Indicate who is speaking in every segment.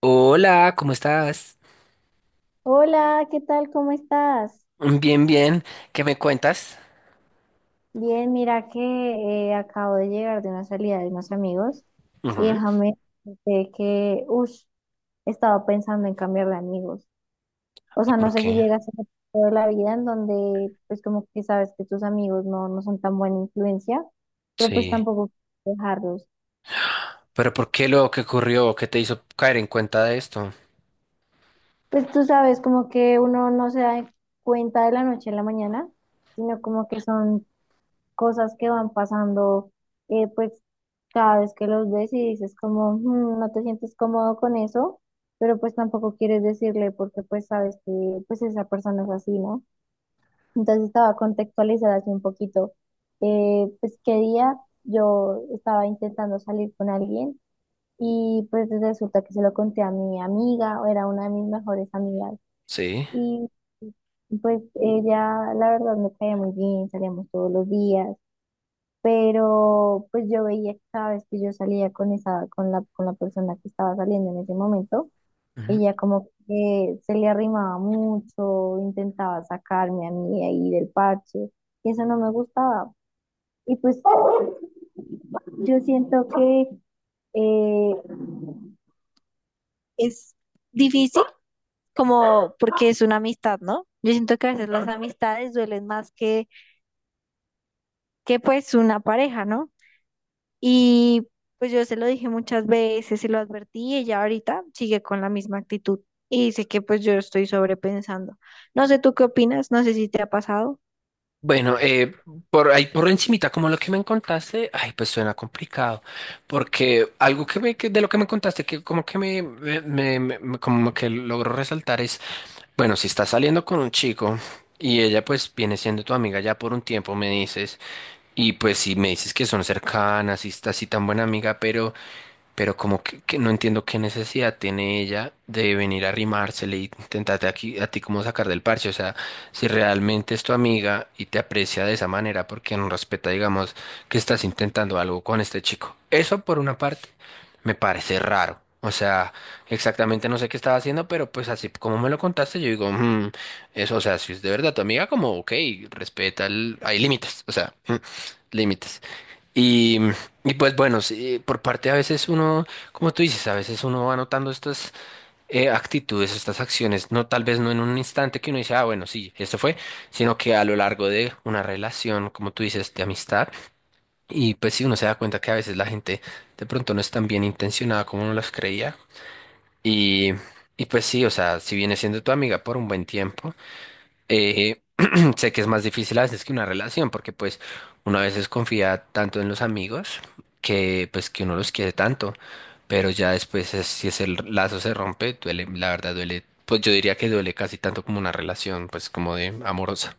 Speaker 1: Hola, ¿cómo estás?
Speaker 2: Hola, ¿qué tal? ¿Cómo estás?
Speaker 1: Bien, bien. ¿Qué me cuentas?
Speaker 2: Bien, mira que acabo de llegar de una salida de unos amigos y
Speaker 1: Ujú.
Speaker 2: déjame decirte que, uff, estaba pensando en cambiar de amigos. O
Speaker 1: ¿Y
Speaker 2: sea, no
Speaker 1: por
Speaker 2: sé si
Speaker 1: qué?
Speaker 2: llegas a ese punto de la vida en donde, pues como que sabes que tus amigos no son tan buena influencia, pero pues
Speaker 1: Sí.
Speaker 2: tampoco quieres dejarlos.
Speaker 1: ¿Pero por qué lo que ocurrió? ¿Qué te hizo caer en cuenta de esto?
Speaker 2: Pues tú sabes, como que uno no se da cuenta de la noche a la mañana, sino como que son cosas que van pasando, pues cada vez que los ves y dices como, "Mm, no te sientes cómodo con eso, pero pues tampoco quieres decirle porque pues sabes que pues esa persona es así, ¿no?" Entonces estaba contextualizada así un poquito, pues qué día yo estaba intentando salir con alguien y pues resulta que se lo conté a mi amiga, o era una de mis mejores amigas.
Speaker 1: Sí.
Speaker 2: Y pues ella, la verdad, me caía muy bien, salíamos todos los días, pero pues yo veía que cada vez que yo salía con esa, con la persona que estaba saliendo en ese momento,
Speaker 1: Ujú.
Speaker 2: ella como que se le arrimaba mucho, intentaba sacarme a mí ahí del parche, y eso no me gustaba. Y pues yo siento que eh, es difícil como porque es una amistad, ¿no? Yo siento que a veces las amistades duelen más que pues una pareja, ¿no? Y pues yo se lo dije muchas veces, se lo advertí y ella ahorita sigue con la misma actitud. Y dice que pues yo estoy sobrepensando. No sé tú qué opinas, no sé si te ha pasado.
Speaker 1: Bueno, por ahí por encimita, como lo que me contaste, ay, pues suena complicado, porque algo que me, que de lo que me contaste, que como que como que logro resaltar es, bueno, si estás saliendo con un chico y ella pues viene siendo tu amiga ya por un tiempo, me dices. Y pues si me dices que son cercanas y está así tan buena amiga, pero como que no entiendo qué necesidad tiene ella de venir a arrimársele y intentarte aquí, a ti como sacar del parche. O sea, si realmente es tu amiga y te aprecia de esa manera, porque no respeta, digamos, que estás intentando algo con este chico. Eso por una parte me parece raro. O sea, exactamente no sé qué estaba haciendo, pero pues así como me lo contaste, yo digo, "Mm, eso, o sea, si es de verdad tu amiga, como, ok, respeta, hay límites, o sea, límites. Y, y pues bueno, sí, por parte a veces uno, como tú dices, a veces uno va notando estas actitudes, estas acciones, no tal vez no en un instante que uno dice, ah, bueno, sí, esto fue, sino que a lo largo de una relación, como tú dices, de amistad, y pues sí, uno se da cuenta que a veces la gente de pronto no es tan bien intencionada como uno las creía, y, y pues sí, o sea, si viene siendo tu amiga por un buen tiempo, eh, sé que es más difícil a veces que una relación, porque pues uno a veces confía tanto en los amigos que pues que uno los quiere tanto, pero ya después si ese lazo se rompe, duele, la verdad duele, pues yo diría que duele casi tanto como una relación, pues como de amorosa.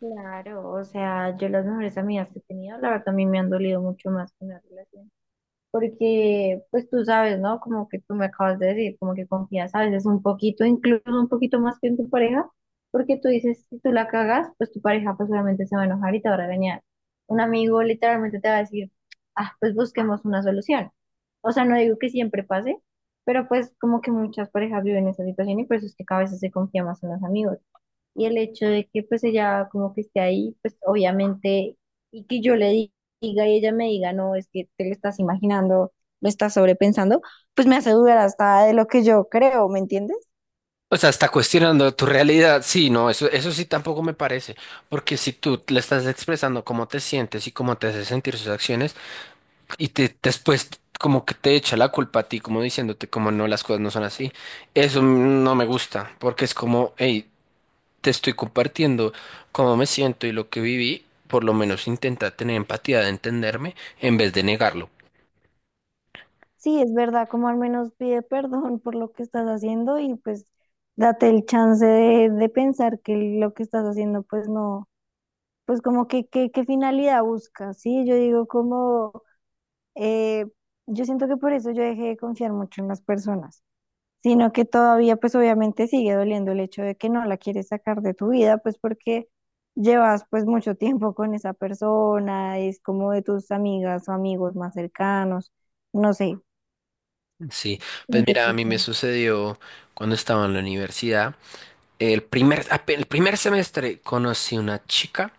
Speaker 2: Claro, o sea, yo las mejores amigas que he tenido, la verdad, también me han dolido mucho más que una relación. Porque pues tú sabes, ¿no? Como que tú me acabas de decir, como que confías a veces un poquito, incluso un poquito más que en tu pareja, porque tú dices, si tú la cagas, pues tu pareja pues obviamente se va a enojar y te va a regañar. Un amigo literalmente te va a decir, ah, pues busquemos una solución. O sea, no digo que siempre pase, pero pues como que muchas parejas viven esa situación y por eso es que cada vez se confía más en los amigos. Y el hecho de que pues ella como que esté ahí, pues obviamente, y que diga y ella me diga, no, es que te lo estás imaginando, lo estás sobrepensando, pues me hace dudar hasta de lo que yo creo, ¿me entiendes?
Speaker 1: O sea, está cuestionando tu realidad. Sí, no, eso sí tampoco me parece, porque si tú le estás expresando cómo te sientes y cómo te hace sentir sus acciones, y te, después como que te echa la culpa a ti, como diciéndote como no, las cosas no son así. Eso no me gusta, porque es como, hey, te estoy compartiendo cómo me siento y lo que viví, por lo menos intenta tener empatía de entenderme en vez de negarlo.
Speaker 2: Sí, es verdad, como al menos pide perdón por lo que estás haciendo y pues date el chance de pensar que lo que estás haciendo pues no, pues como que qué finalidad buscas, ¿sí? Yo digo como, eh, yo siento que por eso yo dejé de confiar mucho en las personas. Sino que todavía pues obviamente sigue doliendo el hecho de que no la quieres sacar de tu vida, pues porque llevas pues mucho tiempo con esa persona, es como de tus amigas o amigos más cercanos, no sé.
Speaker 1: Sí, pues mira, a
Speaker 2: Entonces,
Speaker 1: mí me
Speaker 2: sí.
Speaker 1: sucedió cuando estaba en la universidad, el primer semestre conocí una chica.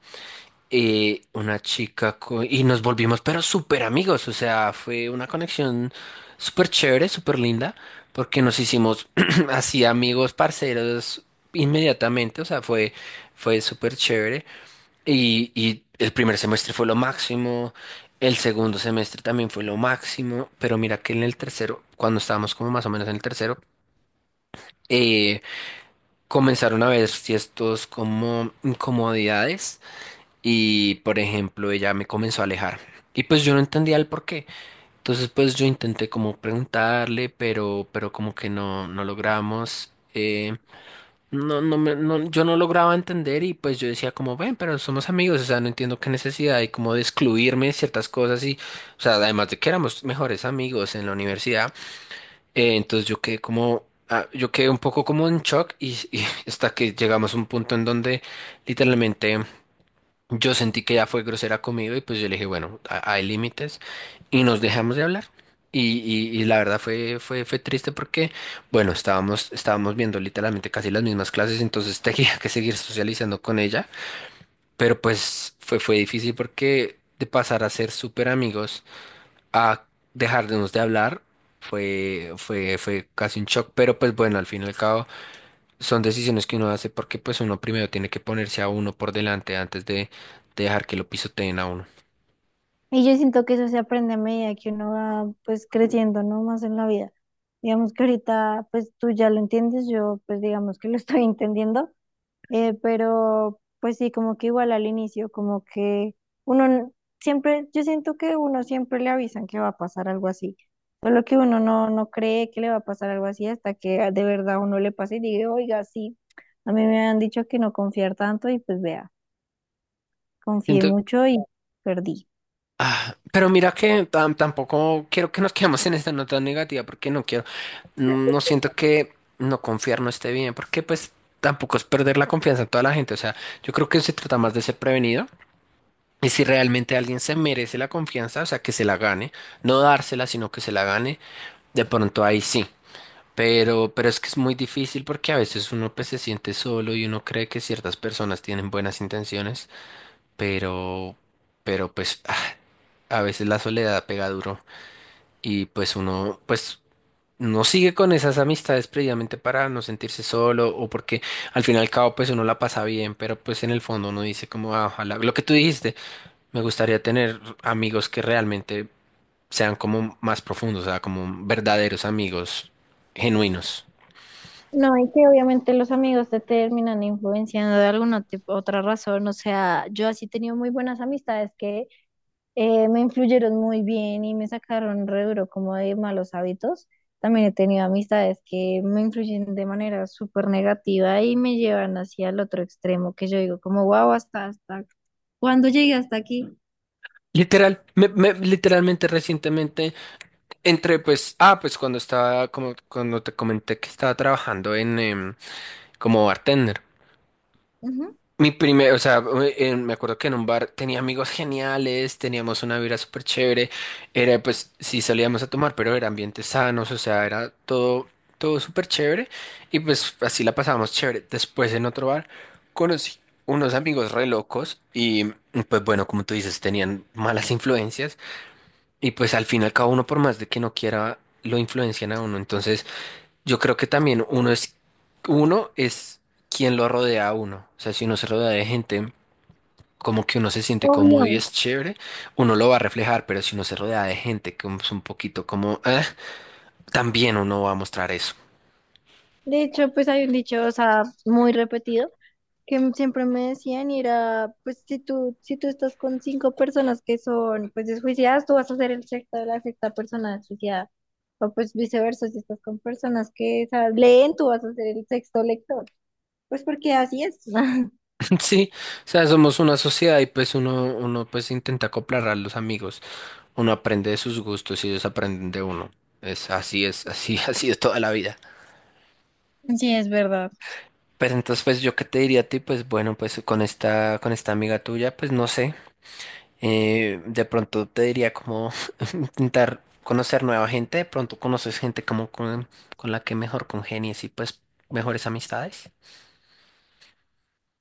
Speaker 1: Y nos volvimos pero súper amigos, o sea, fue una conexión súper chévere, súper linda, porque nos hicimos así amigos, parceros inmediatamente, o sea, fue súper chévere. Y el primer semestre fue lo máximo, el segundo semestre también fue lo máximo, pero mira que en el tercero, cuando estábamos como más o menos en el tercero, eh, comenzaron a ver ciertos como incomodidades y, por ejemplo, ella me comenzó a alejar. Y pues yo no entendía el por qué. Entonces, pues yo intenté como preguntarle, pero como que no, no logramos. Yo no lograba entender y pues yo decía como, ven, pero somos amigos, o sea, no entiendo qué necesidad hay como de excluirme de ciertas cosas y, o sea, además de que éramos mejores amigos en la universidad, entonces yo quedé como, ah, yo quedé un poco como en shock y hasta que llegamos a un punto en donde literalmente... Yo sentí que ella fue grosera conmigo y pues yo le dije, bueno, hay límites y nos dejamos de hablar. Y la verdad fue triste porque, bueno, estábamos viendo literalmente casi las mismas clases, entonces tenía que seguir socializando con ella, pero pues fue difícil porque de pasar a ser súper amigos a dejarnos de hablar fue casi un shock, pero pues bueno, al fin y al cabo son decisiones que uno hace porque pues uno primero tiene que ponerse a uno por delante antes de dejar que lo pisoteen a uno.
Speaker 2: Y yo siento que eso se aprende a medida que uno va pues creciendo, ¿no? Más en la vida. Digamos que ahorita pues tú ya lo entiendes, yo pues digamos que lo estoy entendiendo. Pero pues sí, como que igual al inicio, como que uno n- siempre, yo siento que uno siempre le avisan que va a pasar algo así, solo que uno no cree que le va a pasar algo así hasta que ah, de verdad uno le pasa y diga, oiga, sí, a mí me han dicho que no confiar tanto y pues vea, confié
Speaker 1: Siento-
Speaker 2: mucho y perdí.
Speaker 1: ah, pero mira que tampoco quiero que nos quedemos en esta nota negativa porque no quiero, mm, no siento que no confiar no esté bien porque pues tampoco es perder la confianza en toda la gente. O sea, yo creo que se trata más de ser prevenido. Y si realmente alguien se merece la confianza, o sea, que se la gane, no dársela, sino que se la gane, de pronto ahí sí. Pero es que es muy difícil porque a veces uno pues se siente solo y uno cree que ciertas personas tienen buenas intenciones, pero, pero pues ah, a veces la soledad pega duro y pues uno pues no sigue con esas amistades previamente para no sentirse solo o porque al fin y al cabo pues uno la pasa bien, pero pues en el fondo uno dice como "Ah, ojalá, lo que tú dijiste, me gustaría tener amigos que realmente sean como más profundos, o sea, como verdaderos amigos genuinos.
Speaker 2: No, y que obviamente los amigos te terminan influenciando de alguna otra razón, o sea, yo así he tenido muy buenas amistades, me influyeron muy bien y me sacaron re duro como de malos hábitos. También he tenido amistades que me influyen de manera súper negativa y me llevan hacia el otro extremo, que yo digo como, wow, hasta, ¿cuándo llegué hasta aquí?
Speaker 1: Literal, literalmente recientemente entre pues, ah, pues cuando estaba, como cuando te comenté que estaba trabajando en, como bartender.
Speaker 2: Ujú.
Speaker 1: Mi primer, o sea, me acuerdo que en un bar tenía amigos geniales, teníamos una vida súper chévere, era pues, sí salíamos a tomar, pero era ambientes sanos, o sea, todo súper chévere y pues así la pasábamos chévere. Después en otro bar conocí unos amigos re locos y pues bueno, como tú dices, tenían malas influencias. Y pues al fin y al cabo uno por más de que no quiera, lo influencian a uno. Entonces yo creo que también uno es quien lo rodea a uno. O sea, si uno se rodea de gente como que uno se siente cómodo y
Speaker 2: Obvio.
Speaker 1: es chévere, uno lo va a reflejar, pero si uno se rodea de gente que es un poquito como, "Ah", también uno va a mostrar eso.
Speaker 2: De hecho, pues hay un dicho, o sea, muy repetido, que siempre me decían y era, pues si tú, si tú estás con cinco personas que son pues desjuiciadas, tú vas a ser el sexto de la sexta persona desjuiciada. O pues viceversa, si estás con personas que leen, tú vas a ser el sexto lector. Pues porque así es.
Speaker 1: Sí, o sea, somos una sociedad y pues uno pues intenta acoplar a los amigos, uno aprende de sus gustos y ellos aprenden de uno. Así, así es toda la vida.
Speaker 2: Sí, es verdad.
Speaker 1: Pues entonces, pues yo qué te diría a ti, pues bueno, pues con con esta amiga tuya, pues no sé, de pronto te diría como intentar conocer nueva gente, de pronto conoces gente como con la que mejor congenies y pues mejores amistades.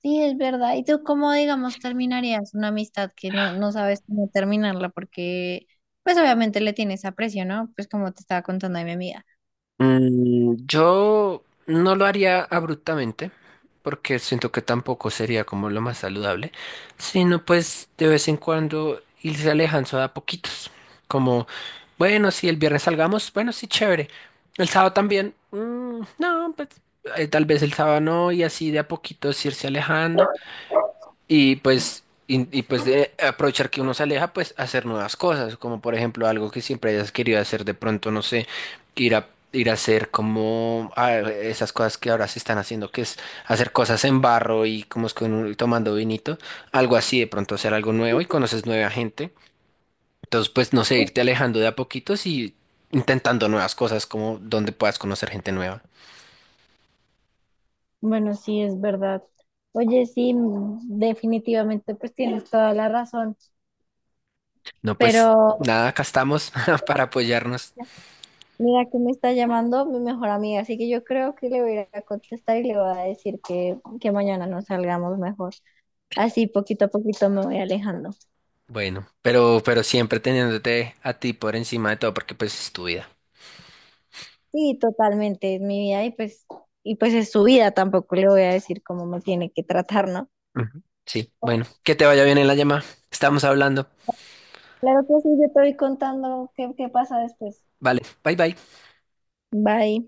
Speaker 2: Sí, es verdad. ¿Y tú cómo, digamos, terminarías una amistad que no sabes cómo terminarla? Porque, pues obviamente le tienes aprecio, ¿no? Pues como te estaba contando a mi amiga.
Speaker 1: Mm, yo no lo haría abruptamente, porque siento que tampoco sería como lo más saludable, sino pues de vez en cuando irse alejando a poquitos. Como, bueno, si el viernes salgamos, bueno, sí, chévere. El sábado también, mm, no, pues tal vez el sábado no, y así de a poquitos irse alejando. Pues de aprovechar que uno se aleja, pues hacer nuevas cosas, como por ejemplo algo que siempre hayas querido hacer, de pronto, no sé, ir a hacer como ah, esas cosas que ahora se están haciendo, que es hacer cosas en barro y como es con tomando vinito, algo así, de pronto hacer algo nuevo y conoces nueva gente. Entonces, pues no sé, irte alejando de a poquitos y intentando nuevas cosas, como donde puedas conocer gente nueva.
Speaker 2: Bueno, sí, es verdad. Oye, sí, mm, definitivamente, pues tienes toda la razón.
Speaker 1: No, pues
Speaker 2: Pero
Speaker 1: nada, acá estamos para apoyarnos.
Speaker 2: mira que me está llamando mi mejor amiga, así que yo creo que le voy a ir a contestar y le voy a decir que mañana nos salgamos mejor. Así poquito a poquito me voy alejando.
Speaker 1: Bueno, pero siempre teniéndote a ti por encima de todo, porque pues es tu vida.
Speaker 2: Sí, totalmente, es mi vida y pues es su vida, tampoco le voy a decir cómo me tiene que tratar, ¿no?
Speaker 1: Ujú. Sí, bueno, que te vaya bien en la llamada. Estamos hablando.
Speaker 2: Claro que sí, yo te voy contando qué pasa después.
Speaker 1: Vale, bye bye.
Speaker 2: Bye.